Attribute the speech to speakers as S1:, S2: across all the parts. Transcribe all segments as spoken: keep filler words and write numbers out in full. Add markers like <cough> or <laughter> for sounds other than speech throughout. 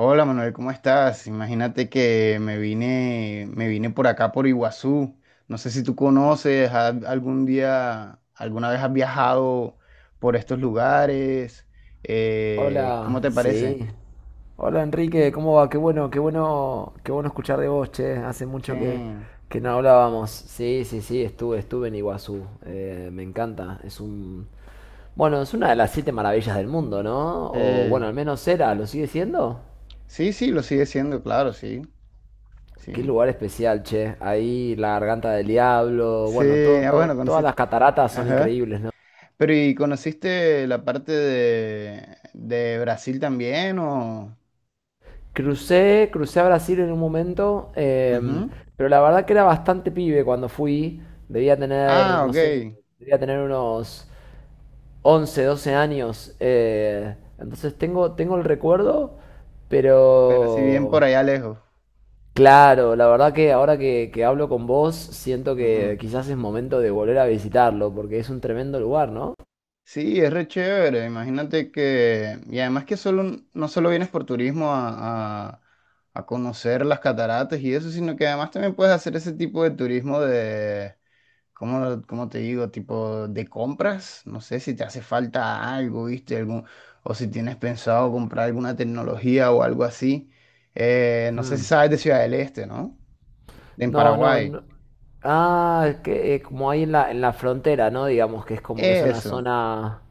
S1: Hola Manuel, ¿cómo estás? Imagínate que me vine, me vine por acá por Iguazú. No sé si tú conoces, ha- algún día, alguna vez has viajado por estos lugares. Eh, Hola, ¿cómo
S2: Hola,
S1: te hola,
S2: sí.
S1: parece?
S2: Hola Enrique, ¿cómo va? Qué bueno, qué bueno, qué bueno escuchar de vos, che. Hace mucho que,
S1: Sí.
S2: que no hablábamos. Sí, sí, sí, estuve, estuve en Iguazú. Eh, me encanta. Es un, bueno, es una de las siete maravillas del mundo, ¿no? O bueno,
S1: Sí,
S2: al menos era, ¿lo sigue siendo?
S1: sí, sí, sí, lo sigue siendo, claro, sí, sí.
S2: Qué lugar especial, che. Ahí la garganta del diablo,
S1: Sí,
S2: bueno, todo,
S1: ah,
S2: todo-
S1: bueno,
S2: todas
S1: conociste.
S2: las cataratas son
S1: Ajá.
S2: increíbles, ¿no?
S1: Pero ¿y conociste la parte de, de Brasil también o?
S2: Crucé, crucé a Brasil en un momento, em,
S1: Ujú.
S2: pero la verdad que era bastante pibe cuando fui. Debía tener,
S1: Ah,
S2: no sé,
S1: ok.
S2: debía tener unos once, doce años. eh, entonces tengo, tengo el recuerdo,
S1: Pero si bien por
S2: pero
S1: allá lejos.
S2: claro, la verdad que ahora que, que hablo con vos, siento que
S1: Ujú.
S2: quizás es momento de volver a visitarlo, porque es un tremendo lugar, ¿no?
S1: Sí, es re chévere. Imagínate que, y además que solo, no solo vienes por turismo a, a- a conocer las cataratas y eso, sino que además también puedes hacer ese tipo de turismo de, ¿cómo, cómo te digo? Tipo de compras. No sé si te hace falta algo, ¿viste? Algún, o si tienes pensado comprar alguna tecnología o algo así. Eh, no sé si
S2: Mm.
S1: sabes de Ciudad del Este, ¿no? En
S2: No, no,
S1: Paraguay.
S2: no. Ah, el que eh, como ahí en la, en la frontera, ¿no? Digamos que es como que es una
S1: Eso.
S2: zona,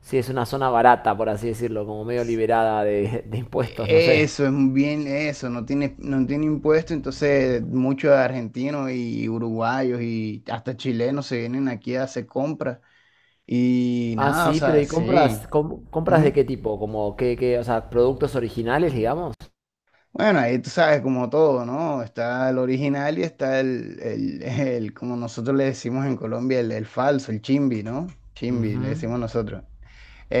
S2: sí, es una zona barata, por así decirlo, como medio liberada de, <laughs> de impuestos, no
S1: e-,
S2: sé.
S1: Eso es bien, eso, no tiene, no tiene impuesto, entonces muchos argentinos y uruguayos y hasta chilenos se vienen aquí a hacer compras y
S2: Ah,
S1: nada, o
S2: sí, pero
S1: sea,
S2: ¿y
S1: sí.
S2: compras, com- compras de
S1: Ujú.
S2: qué tipo? Como qué, qué, o sea, productos originales, digamos.
S1: Bueno, ahí tú sabes, como todo, ¿no? Está el original y está el, el, el, como nosotros le decimos en Colombia, el, el falso, el chimbi, ¿no? Chimbi, le
S2: Ujú,
S1: decimos nosotros.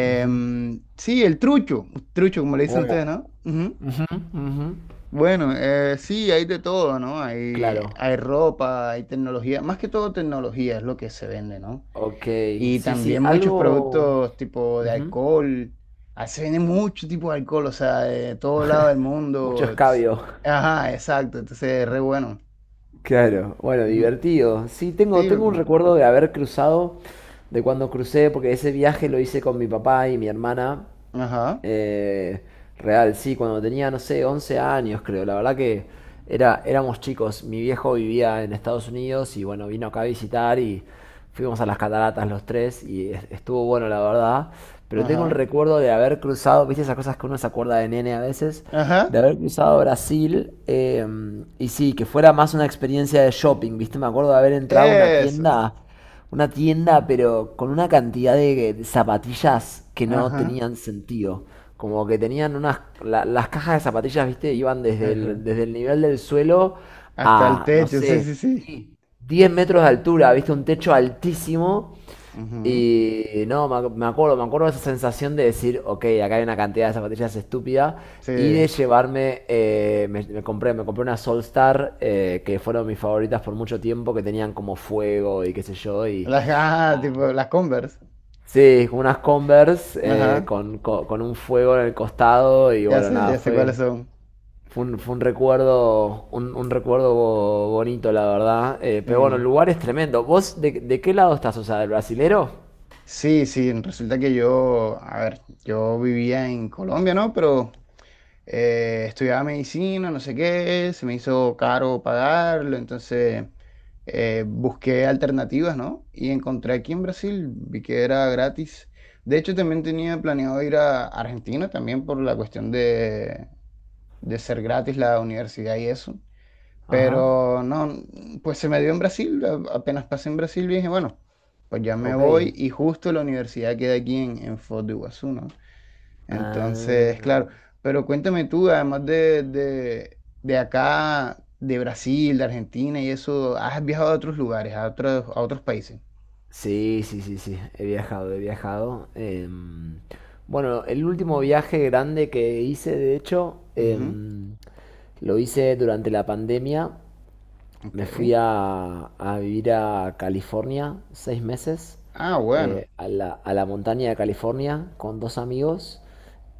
S2: ujú,
S1: Sí, el trucho, trucho, como le dicen ustedes, ¿no? Ujú.
S2: ujú, ujú.
S1: Bueno, eh, sí, hay de todo, ¿no? Hay,
S2: Claro.
S1: hay ropa, hay tecnología, más que todo tecnología es lo que se vende, ¿no?
S2: Ok,
S1: Y
S2: sí, sí,
S1: también muchos
S2: algo...
S1: productos tipo de
S2: ujú.
S1: alcohol, ah, se vende mucho tipo de alcohol, o sea, de todo lado del
S2: Mucho
S1: mundo. Entonces...
S2: escabio.
S1: Ajá, exacto, entonces es re bueno.
S2: Claro, bueno,
S1: Ujú.
S2: divertido. Sí, tengo,
S1: Sí,
S2: tengo un
S1: loco.
S2: recuerdo de haber cruzado, de cuando crucé, porque ese viaje lo hice con mi papá y mi hermana.
S1: Ajá,
S2: Eh, real, sí, cuando tenía, no sé, once años creo. La verdad que era, éramos chicos. Mi viejo vivía en Estados Unidos y bueno, vino acá a visitar y fuimos a las cataratas los tres y es- estuvo bueno, la verdad. Pero tengo el
S1: ajá,
S2: recuerdo de haber cruzado, viste esas cosas que uno se acuerda de nene a veces, de
S1: ajá,
S2: haber cruzado Brasil eh, y sí, que fuera más una experiencia de shopping, viste, me acuerdo de haber entrado a una
S1: eso,
S2: tienda una tienda, pero con una cantidad de, de zapatillas que no
S1: ajá,
S2: tenían sentido. Como que tenían unas... la- las cajas de zapatillas, viste, iban desde el,
S1: ajá.
S2: desde el nivel del suelo
S1: Hasta el
S2: a, no
S1: techo, sí, sí,
S2: sé,
S1: sí.
S2: diez metros de altura, viste, un techo altísimo
S1: Ujú.
S2: y no, me, ac- me acuerdo, me acuerdo de esa sensación de decir, ok, acá hay una cantidad de zapatillas estúpida,
S1: Sí,
S2: y de llevarme, eh, me, me compré, me compré una Solstar, eh, que fueron mis favoritas por mucho tiempo, que tenían como fuego y qué sé yo, y
S1: las, ajá,
S2: nada.
S1: tipo las Converse,
S2: Sí, como unas Converse, eh,
S1: ajá.
S2: con, co- con un fuego en el costado, y
S1: Ya
S2: bueno,
S1: sé,
S2: nada,
S1: ya sé cuáles
S2: fue,
S1: son.
S2: fue un, fue un recuerdo, un, un recuerdo bo- bonito, la verdad. Eh,
S1: Sí.
S2: pero bueno, el lugar es tremendo. ¿Vos de, de qué lado estás? O sea, ¿del brasilero?
S1: Sí, sí, resulta que yo, a ver, yo vivía en Colombia, ¿no? Pero eh, estudiaba medicina, no sé qué, se me hizo caro pagarlo, entonces eh, busqué alternativas, ¿no? Y encontré aquí en Brasil, vi que era gratis. De hecho, también tenía planeado ir a Argentina, también por la cuestión de, de ser gratis la universidad y eso.
S2: Ajá.
S1: Pero no, pues se me dio en Brasil, a- apenas pasé en Brasil dije, bueno, pues ya me
S2: Ok.
S1: voy y justo la universidad queda aquí en, en Foz de Iguazú, ¿no? Entonces,
S2: Ah,
S1: claro, pero cuéntame tú, además de, de, de acá, de Brasil, de Argentina y eso, ¿has viajado a otros lugares, a otros, a otros países?
S2: sí, sí, sí, sí. He viajado, he viajado. Em, bueno, el último viaje grande que hice, de hecho,
S1: Ujú.
S2: em, lo hice durante la pandemia.
S1: Ok.
S2: Me fui a, a vivir a California seis meses,
S1: Ah, bueno.
S2: eh, a la, a la montaña de California con dos amigos.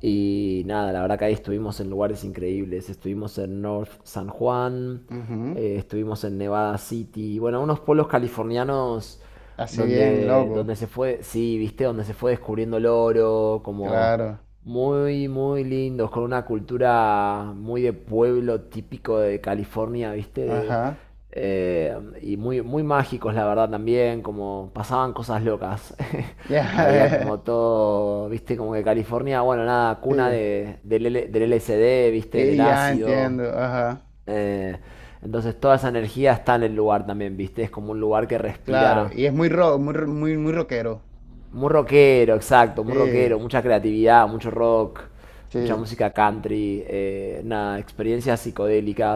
S2: Y nada, la verdad que ahí estuvimos en lugares increíbles. Estuvimos en North San Juan,
S1: Ujú.
S2: eh, estuvimos en Nevada City, bueno, unos pueblos californianos
S1: Así bien,
S2: donde, donde
S1: loco.
S2: se fue, sí, viste, donde se fue descubriendo el oro, como
S1: Claro.
S2: muy, muy lindos, con una cultura muy de pueblo típico de California, viste, de,
S1: Ajá.
S2: eh, y muy, muy mágicos, la verdad, también, como pasaban cosas locas. <laughs> Había
S1: Ya.
S2: como
S1: <laughs>
S2: todo, viste, como que California, bueno, nada, cuna
S1: Sí.
S2: de, del, L- del L S D, viste, del
S1: Y ya
S2: ácido.
S1: entiendo. Ajá.
S2: Eh, entonces toda esa energía está en el lugar también, viste, es como un lugar que
S1: Claro,
S2: respira
S1: y es muy rock, muy, ro- muy, muy rockero.
S2: muy rockero, exacto, muy rockero,
S1: Eh,
S2: mucha creatividad, mucho rock, mucha
S1: sí.
S2: música country, eh, nada, experiencias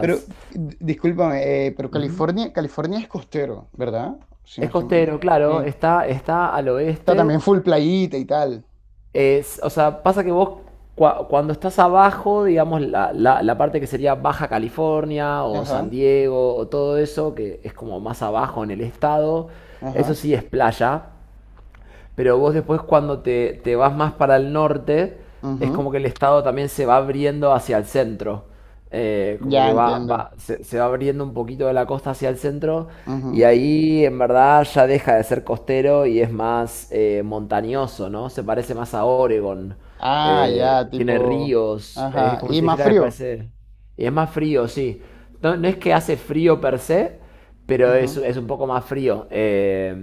S1: Pero, d- discúlpame, eh, pero
S2: Ujú.
S1: California, California es costero, ¿verdad? Si no
S2: Es
S1: estoy...
S2: costero, claro,
S1: Sí.
S2: está, está al
S1: Está
S2: oeste.
S1: también full playita y tal.
S2: Es, o sea, pasa que vos cua- cuando estás abajo, digamos, la, la- la parte que sería Baja California o San
S1: Ajá,
S2: Diego o todo eso, que es como más abajo en el estado, eso
S1: ajá.
S2: sí es playa, pero vos después cuando te, te vas más para el norte, es como
S1: Ujú.
S2: que el estado también se va abriendo hacia el centro. Eh, como
S1: Ya
S2: que va,
S1: entiendo.
S2: va- se, se va abriendo un poquito de la costa hacia el centro y
S1: Ujú.
S2: ahí en verdad ya deja de ser costero y es más eh, montañoso, ¿no? Se parece más a Oregon.
S1: Ah,
S2: Eh,
S1: ya,
S2: tiene
S1: tipo.
S2: ríos, es
S1: Ajá.
S2: como si
S1: Y
S2: te
S1: más
S2: dijera que
S1: frío.
S2: parece... Y es más frío, sí. No, no es que hace frío per se, pero es,
S1: Ujú.
S2: es un poco más frío. Eh,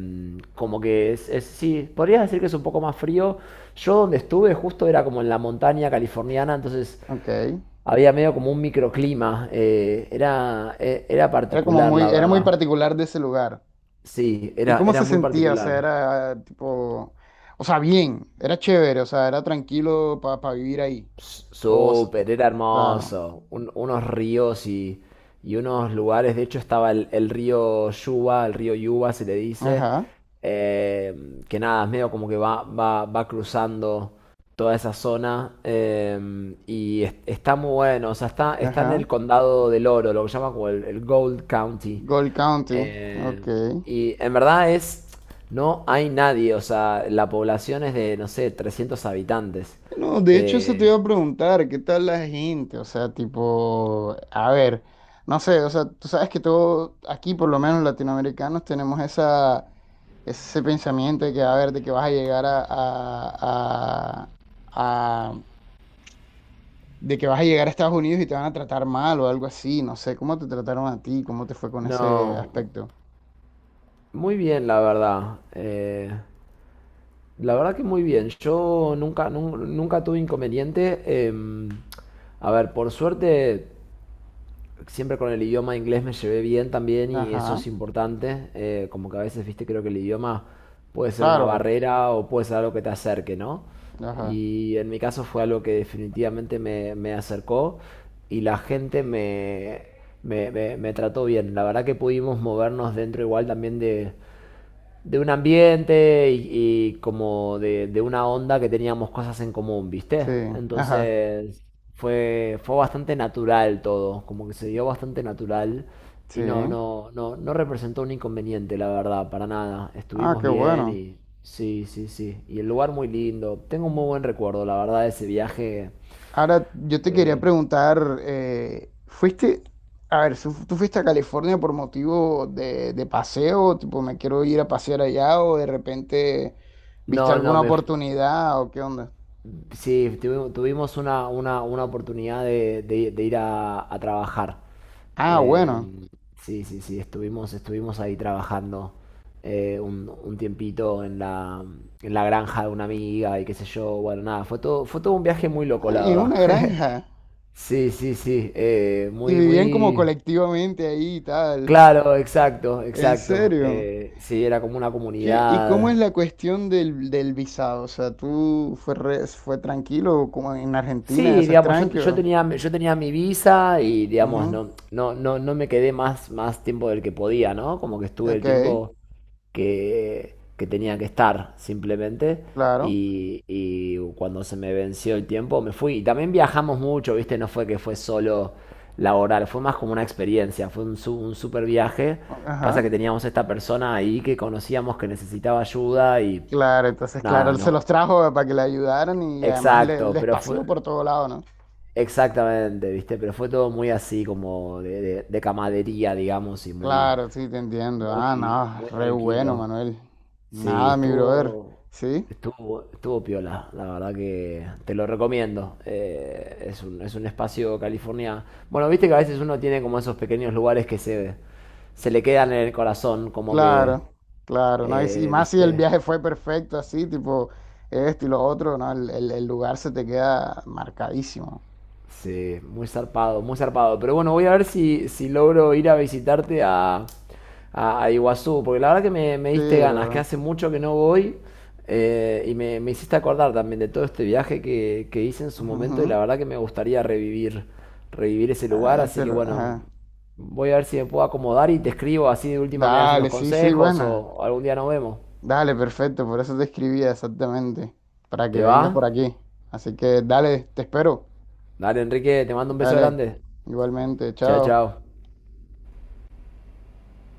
S2: como que es, es- Sí, podrías decir que es un poco más frío. Yo donde estuve justo era como en la montaña californiana, entonces
S1: Ok.
S2: había medio como un microclima. eh, era, e- era
S1: Era como
S2: particular,
S1: muy,
S2: la
S1: era muy
S2: verdad.
S1: particular de ese lugar.
S2: Sí,
S1: ¿Y
S2: era,
S1: cómo
S2: era
S1: se
S2: muy
S1: sentía? O sea,
S2: particular.
S1: era tipo. O sea, bien, era chévere, o sea, era tranquilo para vivir ahí.
S2: S-
S1: O, s-
S2: Súper, era
S1: claro.
S2: hermoso. Un- unos ríos y, y unos lugares. De hecho, estaba el, el río Yuba, el río Yuba se le dice.
S1: Ajá,
S2: eh, que nada, es medio como que va, va, va cruzando toda esa zona. eh, y es- está muy bueno. O sea, está, está en
S1: ajá.
S2: el condado del Oro, lo que llama como el, el Gold County.
S1: Gold County,
S2: Eh,
S1: ok.
S2: y en verdad es. No hay nadie. O sea, la población es de, no sé, trescientos habitantes.
S1: No, de hecho eso te iba
S2: Eh,
S1: a preguntar, ¿qué tal la gente? O sea, tipo, a ver, no sé, o sea, tú sabes que todos aquí, por lo menos latinoamericanos, tenemos esa, ese pensamiento de que, a ver, de que vas a llegar a, a, a, a- de que vas a llegar a Estados Unidos y te van a tratar mal o algo así, no sé, ¿cómo te trataron a ti? ¿Cómo te fue con ese
S2: No,
S1: aspecto?
S2: muy bien, la verdad. Eh, la verdad que muy bien. Yo nunca, nun- nunca tuve inconveniente. em, a ver, por suerte, siempre con el idioma inglés me llevé bien también y eso
S1: Ajá,
S2: es importante. Eh, como que a veces, viste, creo que el idioma puede ser una
S1: claro,
S2: barrera o puede ser algo que te acerque, ¿no?
S1: ajá,
S2: Y en mi caso fue algo que definitivamente me, me acercó y la gente me, me, me- me trató bien. La verdad que pudimos movernos dentro igual también de, de un ambiente y, y como de, de una onda que teníamos cosas en común, ¿viste?
S1: sí, ajá.
S2: Entonces fue, fue bastante natural todo, como que se dio bastante natural y no,
S1: Sí.
S2: no, no, no representó un inconveniente, la verdad, para nada.
S1: Ah,
S2: Estuvimos
S1: qué
S2: bien
S1: bueno.
S2: y sí, sí, sí. Y el lugar muy lindo. Tengo un muy buen recuerdo, la verdad, de ese viaje.
S1: Ahora, yo te quería
S2: Fue...
S1: preguntar, eh, ¿fuiste, a ver, ¿tú, tú fuiste a California por motivo de, de paseo? Tipo, me quiero ir a pasear allá o de repente viste
S2: No, no,
S1: alguna
S2: me... f-
S1: oportunidad o qué onda?
S2: sí, tuvi- tuvimos una, una, una oportunidad de, de- de ir a a trabajar.
S1: Ah, bueno.
S2: Em, sí, sí, sí, estuvimos, estuvimos ahí trabajando eh, un, un tiempito en la, en la granja de una amiga y qué sé yo, bueno, nada, fue todo, fue todo un viaje muy loco,
S1: Ah,
S2: la
S1: en
S2: verdad.
S1: una
S2: <laughs>
S1: granja.
S2: Sí, sí, sí, eh,
S1: Y
S2: muy,
S1: vivían como
S2: muy...
S1: colectivamente ahí y tal.
S2: Claro, exacto,
S1: ¿En
S2: exacto.
S1: serio?
S2: eh, sí, era como una
S1: Che, ¿y cómo es
S2: comunidad.
S1: la cuestión del, del visado? O sea, ¿tú fue, re- fue tranquilo como en Argentina?
S2: Sí,
S1: ¿Eso es
S2: digamos, yo, yo
S1: tranquilo?
S2: tenía, yo tenía mi visa y, digamos, no, no, no, no me quedé más, más tiempo del que podía, ¿no? Como que estuve el
S1: Ok,
S2: tiempo... que, que tenía que estar simplemente.
S1: claro.
S2: Y, y cuando se me venció el tiempo me fui. Y también viajamos mucho, ¿viste? No fue que fue solo laboral, fue más como una experiencia, fue un, su- un super viaje. Pasa
S1: Ajá.
S2: que teníamos esta persona ahí que conocíamos que necesitaba ayuda y
S1: Claro, entonces, claro,
S2: nada,
S1: él se
S2: no.
S1: los trajo eh, para que le ayudaran y además le-
S2: Exacto,
S1: les
S2: pero fue...
S1: paseó por todo lado, ¿no?
S2: Exactamente, ¿viste? Pero fue todo muy así, como de, de- de camadería, digamos, y muy,
S1: Claro, sí, te entiendo. Ah,
S2: muy, muy
S1: no, re bueno,
S2: tranquilo.
S1: Manuel.
S2: Sí,
S1: Nada, mi brother.
S2: estuvo,
S1: Sí,
S2: estuvo, estuvo piola, la verdad que te lo recomiendo. Eh, es un, es un espacio California. Bueno, viste que a veces uno tiene como esos pequeños lugares que se, se le quedan en el corazón, como que,
S1: claro, claro, ¿no? Y, si- y
S2: eh,
S1: más si el
S2: viste,
S1: viaje fue perfecto, así, tipo, esto y lo otro, ¿no? El, el- el lugar se te queda marcadísimo.
S2: Sí, muy zarpado, muy zarpado. Pero bueno, voy a ver si, si logro ir a visitarte a, a, a Iguazú, porque la verdad que me, me
S1: Sí,
S2: diste ganas, que
S1: bro.
S2: hace mucho que no voy eh, y me, me hiciste acordar también de todo este viaje que, que hice en su momento y la
S1: Ujú.
S2: verdad que me gustaría revivir, revivir ese
S1: Ah,
S2: lugar, así
S1: ese
S2: que
S1: lu-
S2: bueno,
S1: ajá.
S2: voy a ver si me puedo acomodar y te escribo así de última me das unos
S1: Dale, sí, sí,
S2: consejos
S1: bueno.
S2: o algún día nos vemos.
S1: Dale, perfecto, por eso te escribía exactamente, para que
S2: ¿Te
S1: vengas
S2: va?
S1: por aquí. Así que dale, te espero.
S2: Dale, Enrique, te mando un beso
S1: Dale,
S2: grande.
S1: igualmente,
S2: Chao,
S1: chao.
S2: chao.